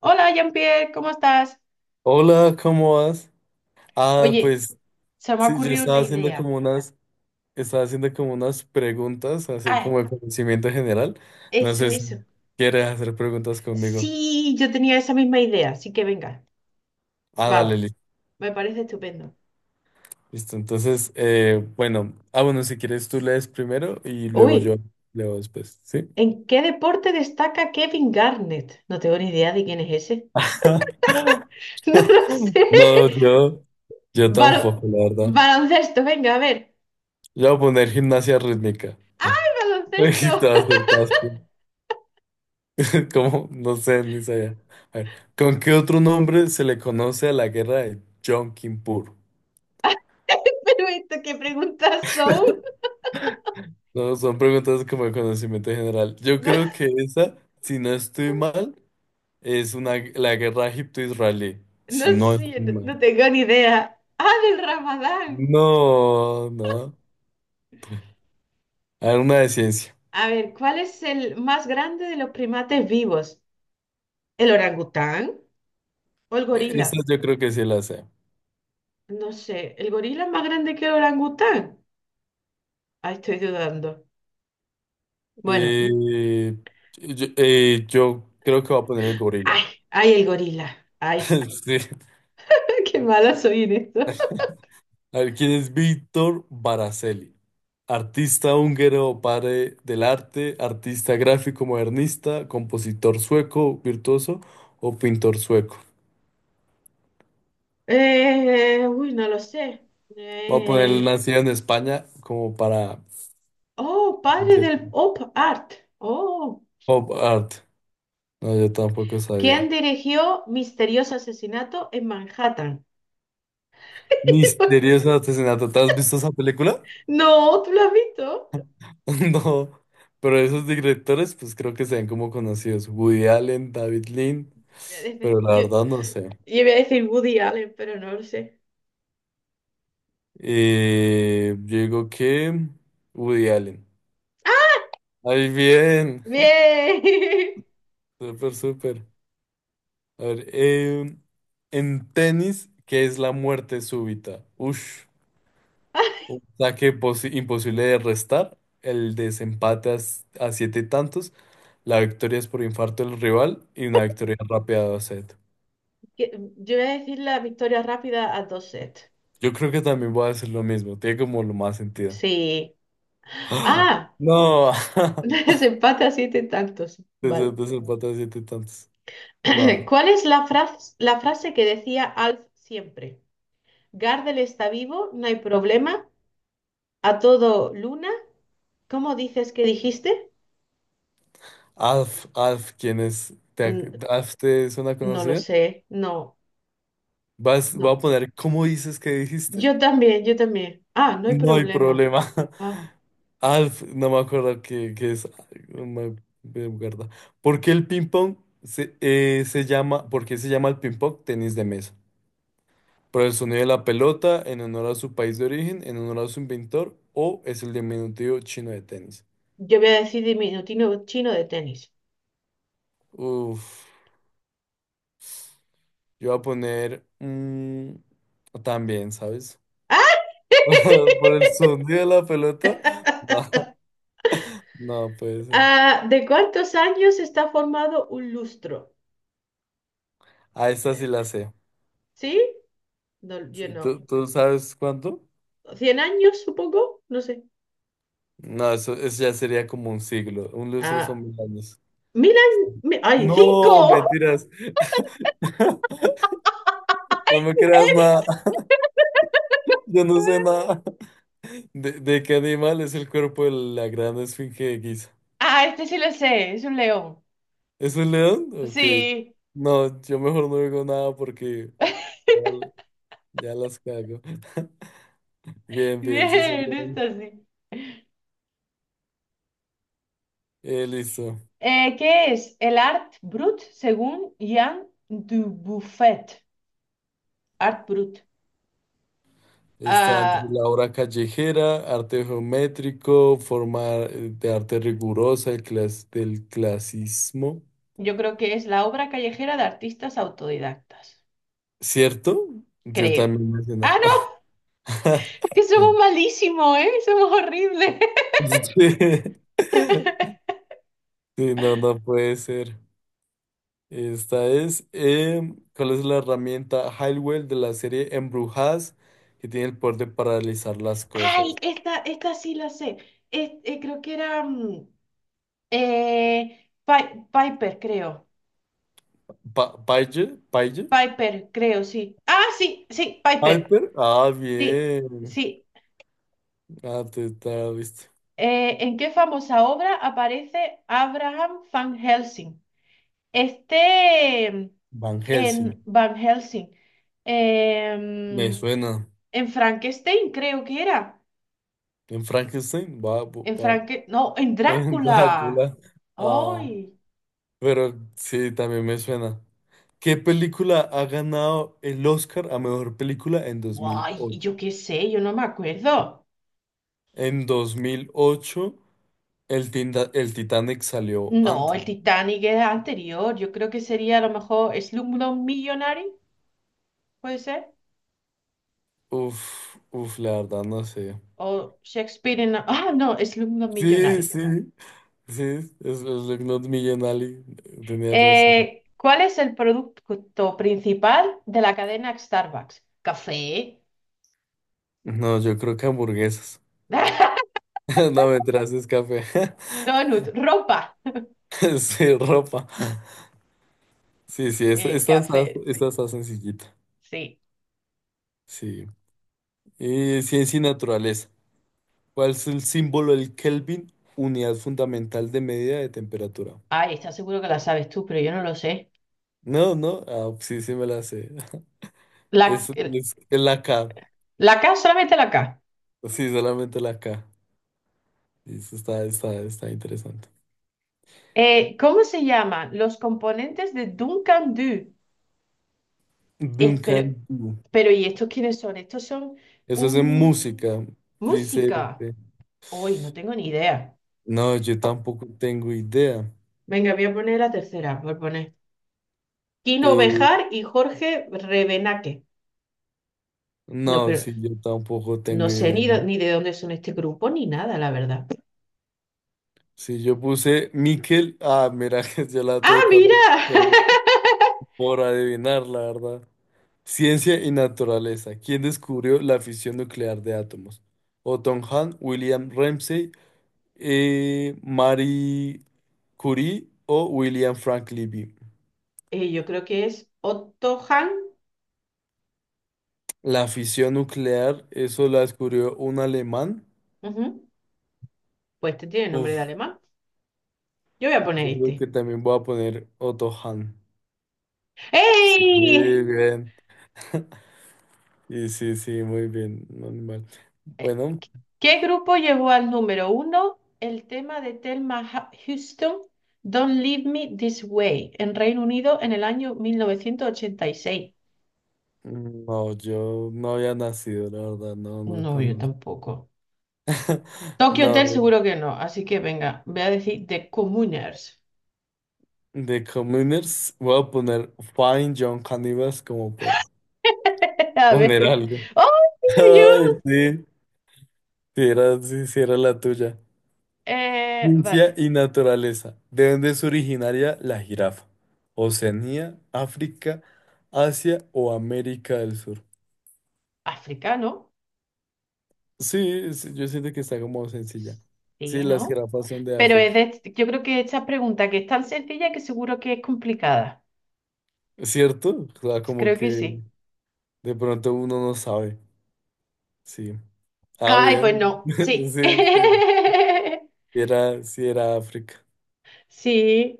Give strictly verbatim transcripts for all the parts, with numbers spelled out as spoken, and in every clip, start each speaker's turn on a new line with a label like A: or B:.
A: Hola, Jean-Pierre, ¿cómo estás?
B: Hola, ¿cómo vas? Ah,
A: Oye,
B: pues
A: se me ha
B: sí, yo
A: ocurrido una
B: estaba haciendo
A: idea.
B: como unas, estaba haciendo como unas preguntas, así
A: Ah,
B: como de conocimiento general. No
A: eso,
B: sé si
A: eso.
B: quieres hacer preguntas conmigo.
A: Sí, yo tenía esa misma idea, así que venga,
B: Ah, dale,
A: vamos,
B: li-
A: me parece estupendo.
B: listo. Entonces, eh, bueno, ah, bueno, si quieres tú lees primero y luego
A: Uy,
B: yo leo después, ¿sí?
A: ¿en qué deporte destaca Kevin Garnett? No tengo ni idea de quién es ese. No lo sé.
B: No, yo, yo
A: Balo-
B: tampoco, la verdad.
A: Baloncesto, venga, a ver.
B: Yo voy a poner gimnasia rítmica. Y
A: Baloncesto.
B: te acertaste. ¿Cómo? No sé, ni sabía. A ver, ¿con qué otro nombre se le conoce a la guerra de Yom Kippur?
A: Pero esto, ¿qué preguntas son?
B: No, son preguntas como de conocimiento general. Yo
A: No,
B: creo que esa, si no estoy mal, es una, la guerra egipto-israelí.
A: no
B: Si no
A: sé,
B: estoy
A: no, no
B: mal.
A: tengo ni idea. Ah, del Ramadán.
B: No, no. A ver, una de ciencia.
A: A ver, ¿cuál es el más grande de los primates vivos? ¿El orangután o el
B: Eh, Esta
A: gorila?
B: yo creo que sí la sé.
A: No sé, ¿el gorila es más grande que el orangután? Ay, estoy dudando. Bueno,
B: Eh, yo, eh, yo creo que voy a poner el
A: ay,
B: gorila.
A: ay, el gorila. Ay,
B: Sí.
A: qué mala soy en esto.
B: A ver, ¿quién es Víctor Baracelli? Artista húngaro, padre del arte, artista gráfico modernista, compositor sueco, virtuoso o pintor sueco.
A: Eh, uy, no lo sé.
B: Voy a poner
A: Eh,
B: nacido en España como para
A: oh, padre
B: dice,
A: del pop art. Oh,
B: pop art. No, yo tampoco
A: ¿quién
B: sabía.
A: dirigió Misterioso Asesinato en Manhattan?
B: Misterioso asesinato. ¿Te has visto esa película?
A: No, ¿tú lo has visto?
B: No. Pero esos directores, pues creo que se ven como conocidos. Woody Allen, David Lean,
A: Eh,
B: pero la
A: Yo,
B: verdad no sé.
A: Yo iba a decir Woody Allen, pero no lo sé.
B: Eh, yo digo que Woody Allen.
A: ¡Ah!
B: Ay, bien.
A: ¡Bien!
B: Súper, súper. A ver, em, en tenis, ¿qué es la muerte súbita? Ush, un saque posi- imposible de restar, el desempate a, s- a siete tantos, la victoria es por infarto del rival y una victoria rápida a set.
A: Que- Yo voy a decir la victoria rápida a dos sets.
B: Yo creo que también voy a hacer lo mismo, tiene como lo más sentido.
A: Sí. Ah,
B: No,
A: desempate a siete tantos.
B: Des-
A: Vale.
B: desempate a siete tantos. No.
A: ¿Cuál es la frase, la frase que decía Alf siempre? Gardel está vivo, no hay problema. A todo Luna. ¿Cómo dices que dijiste?
B: Alf, Alf, ¿quién es? ¿Te,
A: Mm,
B: ac- Alf te suena
A: No lo
B: conocida?
A: sé. No,
B: Vas, voy a
A: no.
B: poner, ¿cómo dices que dijiste?
A: Yo también, yo también. Ah, no hay
B: No hay
A: problema.
B: problema.
A: Ah.
B: Alf, no me acuerdo qué, qué es. Ay, no me- me acuerdo. ¿Por qué el ping-pong se, eh, se llama, por qué se llama el ping-pong tenis de mesa? ¿Por el sonido de la pelota, en honor a su país de origen, en honor a su inventor, o es el diminutivo chino de tenis?
A: Yo voy a decir diminutivo chino de tenis.
B: Uf, yo voy a poner mm, también, ¿sabes?
A: ¡Ah!
B: Por el sonido de la pelota. No, no puede ser.
A: Ah, ¿de cuántos años está formado un lustro?
B: A esta sí
A: Eh,
B: la sé.
A: ¿sí? No, yo
B: Sí, ¿tú,
A: no.
B: tú sabes cuánto?
A: ¿Cien años, supongo? No sé.
B: No, eso, eso ya sería como un siglo. Un lustro son
A: Ah,
B: mil años.
A: mil años. mi- ¡Ay,
B: No,
A: cinco!
B: mentiras. No me creas nada. Yo no sé nada. ¿De, de qué animal es el cuerpo de la gran esfinge de Giza?
A: Ah, este sí lo sé, es un león.
B: ¿Es un león? Ok.
A: Sí,
B: No, yo mejor no digo nada porque ya, ya las cago. Bien, bien, sí, son
A: bien, esto
B: león.
A: sí.
B: Eh, listo.
A: Eh, ¿qué es el art brut según Jean Dubuffet? Art brut.
B: Está entre
A: Ah,
B: la obra callejera, arte geométrico, forma eh, de arte rigurosa, el clas- del clasismo.
A: yo creo que es la obra callejera de artistas autodidactas.
B: ¿Cierto? Yo
A: Creo.
B: también mencionaba.
A: ¡Ah, no! Que somos malísimos, ¿eh? Somos horribles.
B: Sí. Sí, no, no puede ser. Esta es, em, ¿cuál es la herramienta Highwell de la serie Embrujadas que tiene el poder de paralizar las
A: ¡Ay!
B: cosas?
A: Esta, esta sí la sé. Es- eh, creo que era. mm, eh, Pi- Piper, creo.
B: Pa Paige, Paige,
A: Piper, creo, sí. ¡Ah, sí! Sí, Piper.
B: Piper, ah,
A: Sí,
B: bien.
A: sí.
B: Ah, te, te la viste.
A: Eh, ¿en qué famosa obra aparece Abraham Van Helsing? Este. mm,
B: Van Helsing.
A: En Van Helsing.
B: Me
A: Em,
B: suena.
A: En Frankenstein, creo que era.
B: En Frankenstein, va, bu-
A: En
B: va,
A: Franken... No, en
B: en
A: Drácula.
B: Drácula. Ah,
A: ¡Ay!
B: pero sí, también me suena. ¿Qué película ha ganado el Oscar a mejor película en dos mil
A: ¡Guay!
B: ocho
A: y Yo qué sé, yo no me acuerdo.
B: En dos mil ocho el, Tinda- el Titanic salió
A: No,
B: antes.
A: el Titanic era anterior. Yo creo que sería a lo mejor Slumdog Millionaire, puede ser.
B: Uf, uf, la verdad no sé.
A: O Shakespeare en... Ah, no, Slumdog
B: Sí,
A: Millionaire.
B: sí, sí, es, es Not Million Ali, tenía razón.
A: Eh, ¿cuál es el producto principal de la cadena Starbucks? Café.
B: No, yo creo que hamburguesas. No, me es café.
A: Donut, ropa.
B: Sí, ropa. Sí, sí, es-
A: Eh,
B: esta está,
A: café,
B: esta
A: sí.
B: está sencillita.
A: Sí.
B: Sí. Eh, ciencia y naturaleza. ¿Cuál es el símbolo del Kelvin? Unidad fundamental de medida de temperatura.
A: Ay, está seguro que la sabes tú, pero yo no lo sé.
B: No, no. Ah, sí, sí me la sé.
A: La,
B: Es,
A: el-
B: es, es la K.
A: la K, solamente la K.
B: Sí, solamente la K. Y eso está, está, está interesante.
A: Eh, ¿cómo se llaman los componentes de Duncan Du? Es- pero,
B: Duncan Du.
A: pero, ¿y estos quiénes son? Estos son
B: Eso es en
A: un...
B: música. Dice.
A: música.
B: Este,
A: Uy, no tengo ni idea.
B: no, yo tampoco tengo idea.
A: Venga, voy a poner la tercera, voy a poner. Kino
B: Eh,
A: Bejar y Jorge Revenaque. No,
B: no,
A: pero
B: sí, yo tampoco
A: no
B: tengo
A: sé
B: idea.
A: ni, do- ni de dónde son este grupo ni nada, la verdad.
B: Si yo puse Miquel, ah, mira, yo la
A: ¡Ah,
B: tuve correcta,
A: mira!
B: pero por adivinar, la verdad. Ciencia y naturaleza. ¿Quién descubrió la fisión nuclear de átomos? Otto Hahn, William Ramsay, eh, Marie Curie o William Frank Libby.
A: Eh, yo creo que es Otto Hahn.
B: La fisión nuclear, eso la descubrió un alemán.
A: Ujú. Pues este tiene nombre de
B: Uf,
A: alemán. Yo voy a poner
B: yo creo
A: este.
B: que también voy a poner Otto Hahn. Sí,
A: ¡Ey!
B: bien. Y sí, sí, muy bien, no, ni mal. Bueno.
A: ¿Qué grupo llevó al número uno el tema de Thelma Ha- Houston, Don't Leave Me This Way, en Reino Unido en el año mil novecientos ochenta y seis?
B: No, yo no había nacido, la verdad, no, no
A: No, yo
B: conozco.
A: tampoco. Tokyo Hotel
B: No,
A: seguro que no, así que venga, voy a decir The Communers.
B: de Communers voy a poner Fine John Cannibals como por
A: A
B: poner
A: ver.
B: algo.
A: ¡Oh, mira,
B: Ay,
A: yo!
B: sí, si era, sí, sí era la tuya.
A: Eh,
B: Ciencia
A: vale.
B: y naturaleza. ¿De dónde es originaria la jirafa? ¿Oceanía, África, Asia o América del Sur?
A: Africano.
B: Sí, sí, yo siento que está como sencilla. Sí,
A: Sí,
B: las
A: ¿no?
B: jirafas son de
A: Pero es
B: África.
A: de- yo creo que esta pregunta que es tan sencilla que seguro que es complicada.
B: ¿Cierto? O sea, como
A: Creo que
B: que
A: sí.
B: de pronto uno no sabe. Sí. Ah,
A: Ay, pues
B: bien.
A: no, sí.
B: Sí, sí. Sí era, sí era África.
A: Sí.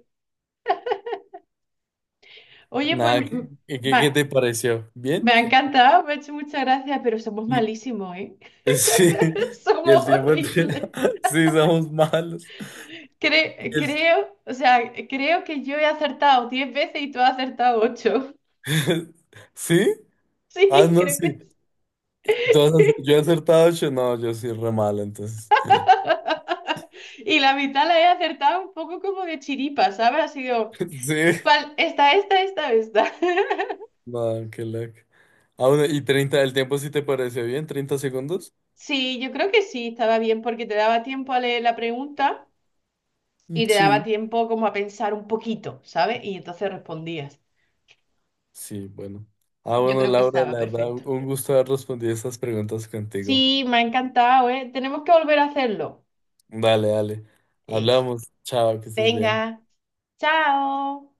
A: Oye, pues
B: Nada,
A: m-
B: ¿qué, qué- qué
A: va-
B: te pareció? ¿Bien?
A: me ha encantado, me ha hecho muchas gracias, pero somos
B: Y,
A: malísimos, ¿eh?
B: sí. Y
A: Somos
B: el tiempo entre.
A: horribles.
B: Sí, somos malos.
A: Cre-
B: el-
A: creo, o sea, creo que yo he acertado diez veces y tú has acertado ocho.
B: ¿Sí? Ah,
A: Sí,
B: no,
A: creo
B: sí.
A: que sí.
B: ¿Tú yo he acertado ocho. No, yo soy re malo, entonces.
A: Y la mitad la he acertado un poco como de chiripa, ¿sabes? Ha sido,
B: Sí.
A: ¿cuál? Esta, esta, esta, esta.
B: No, qué loco. Ah, bueno, ¿y treinta ¿el tiempo sí te pareció bien? ¿Treinta segundos?
A: Sí, yo creo que sí, estaba bien porque te daba tiempo a leer la pregunta
B: Mm,
A: y te daba
B: Sí.
A: tiempo como a pensar un poquito, ¿sabes? Y entonces respondías.
B: Sí, bueno. Ah,
A: Yo
B: bueno,
A: creo que
B: Laura,
A: estaba
B: la verdad,
A: perfecto.
B: un un gusto haber respondido estas preguntas contigo.
A: Sí, me ha encantado, ¿eh? Tenemos que volver a hacerlo.
B: Dale, dale.
A: Eso.
B: Hablamos. Chao, que estés bien.
A: Venga, chao.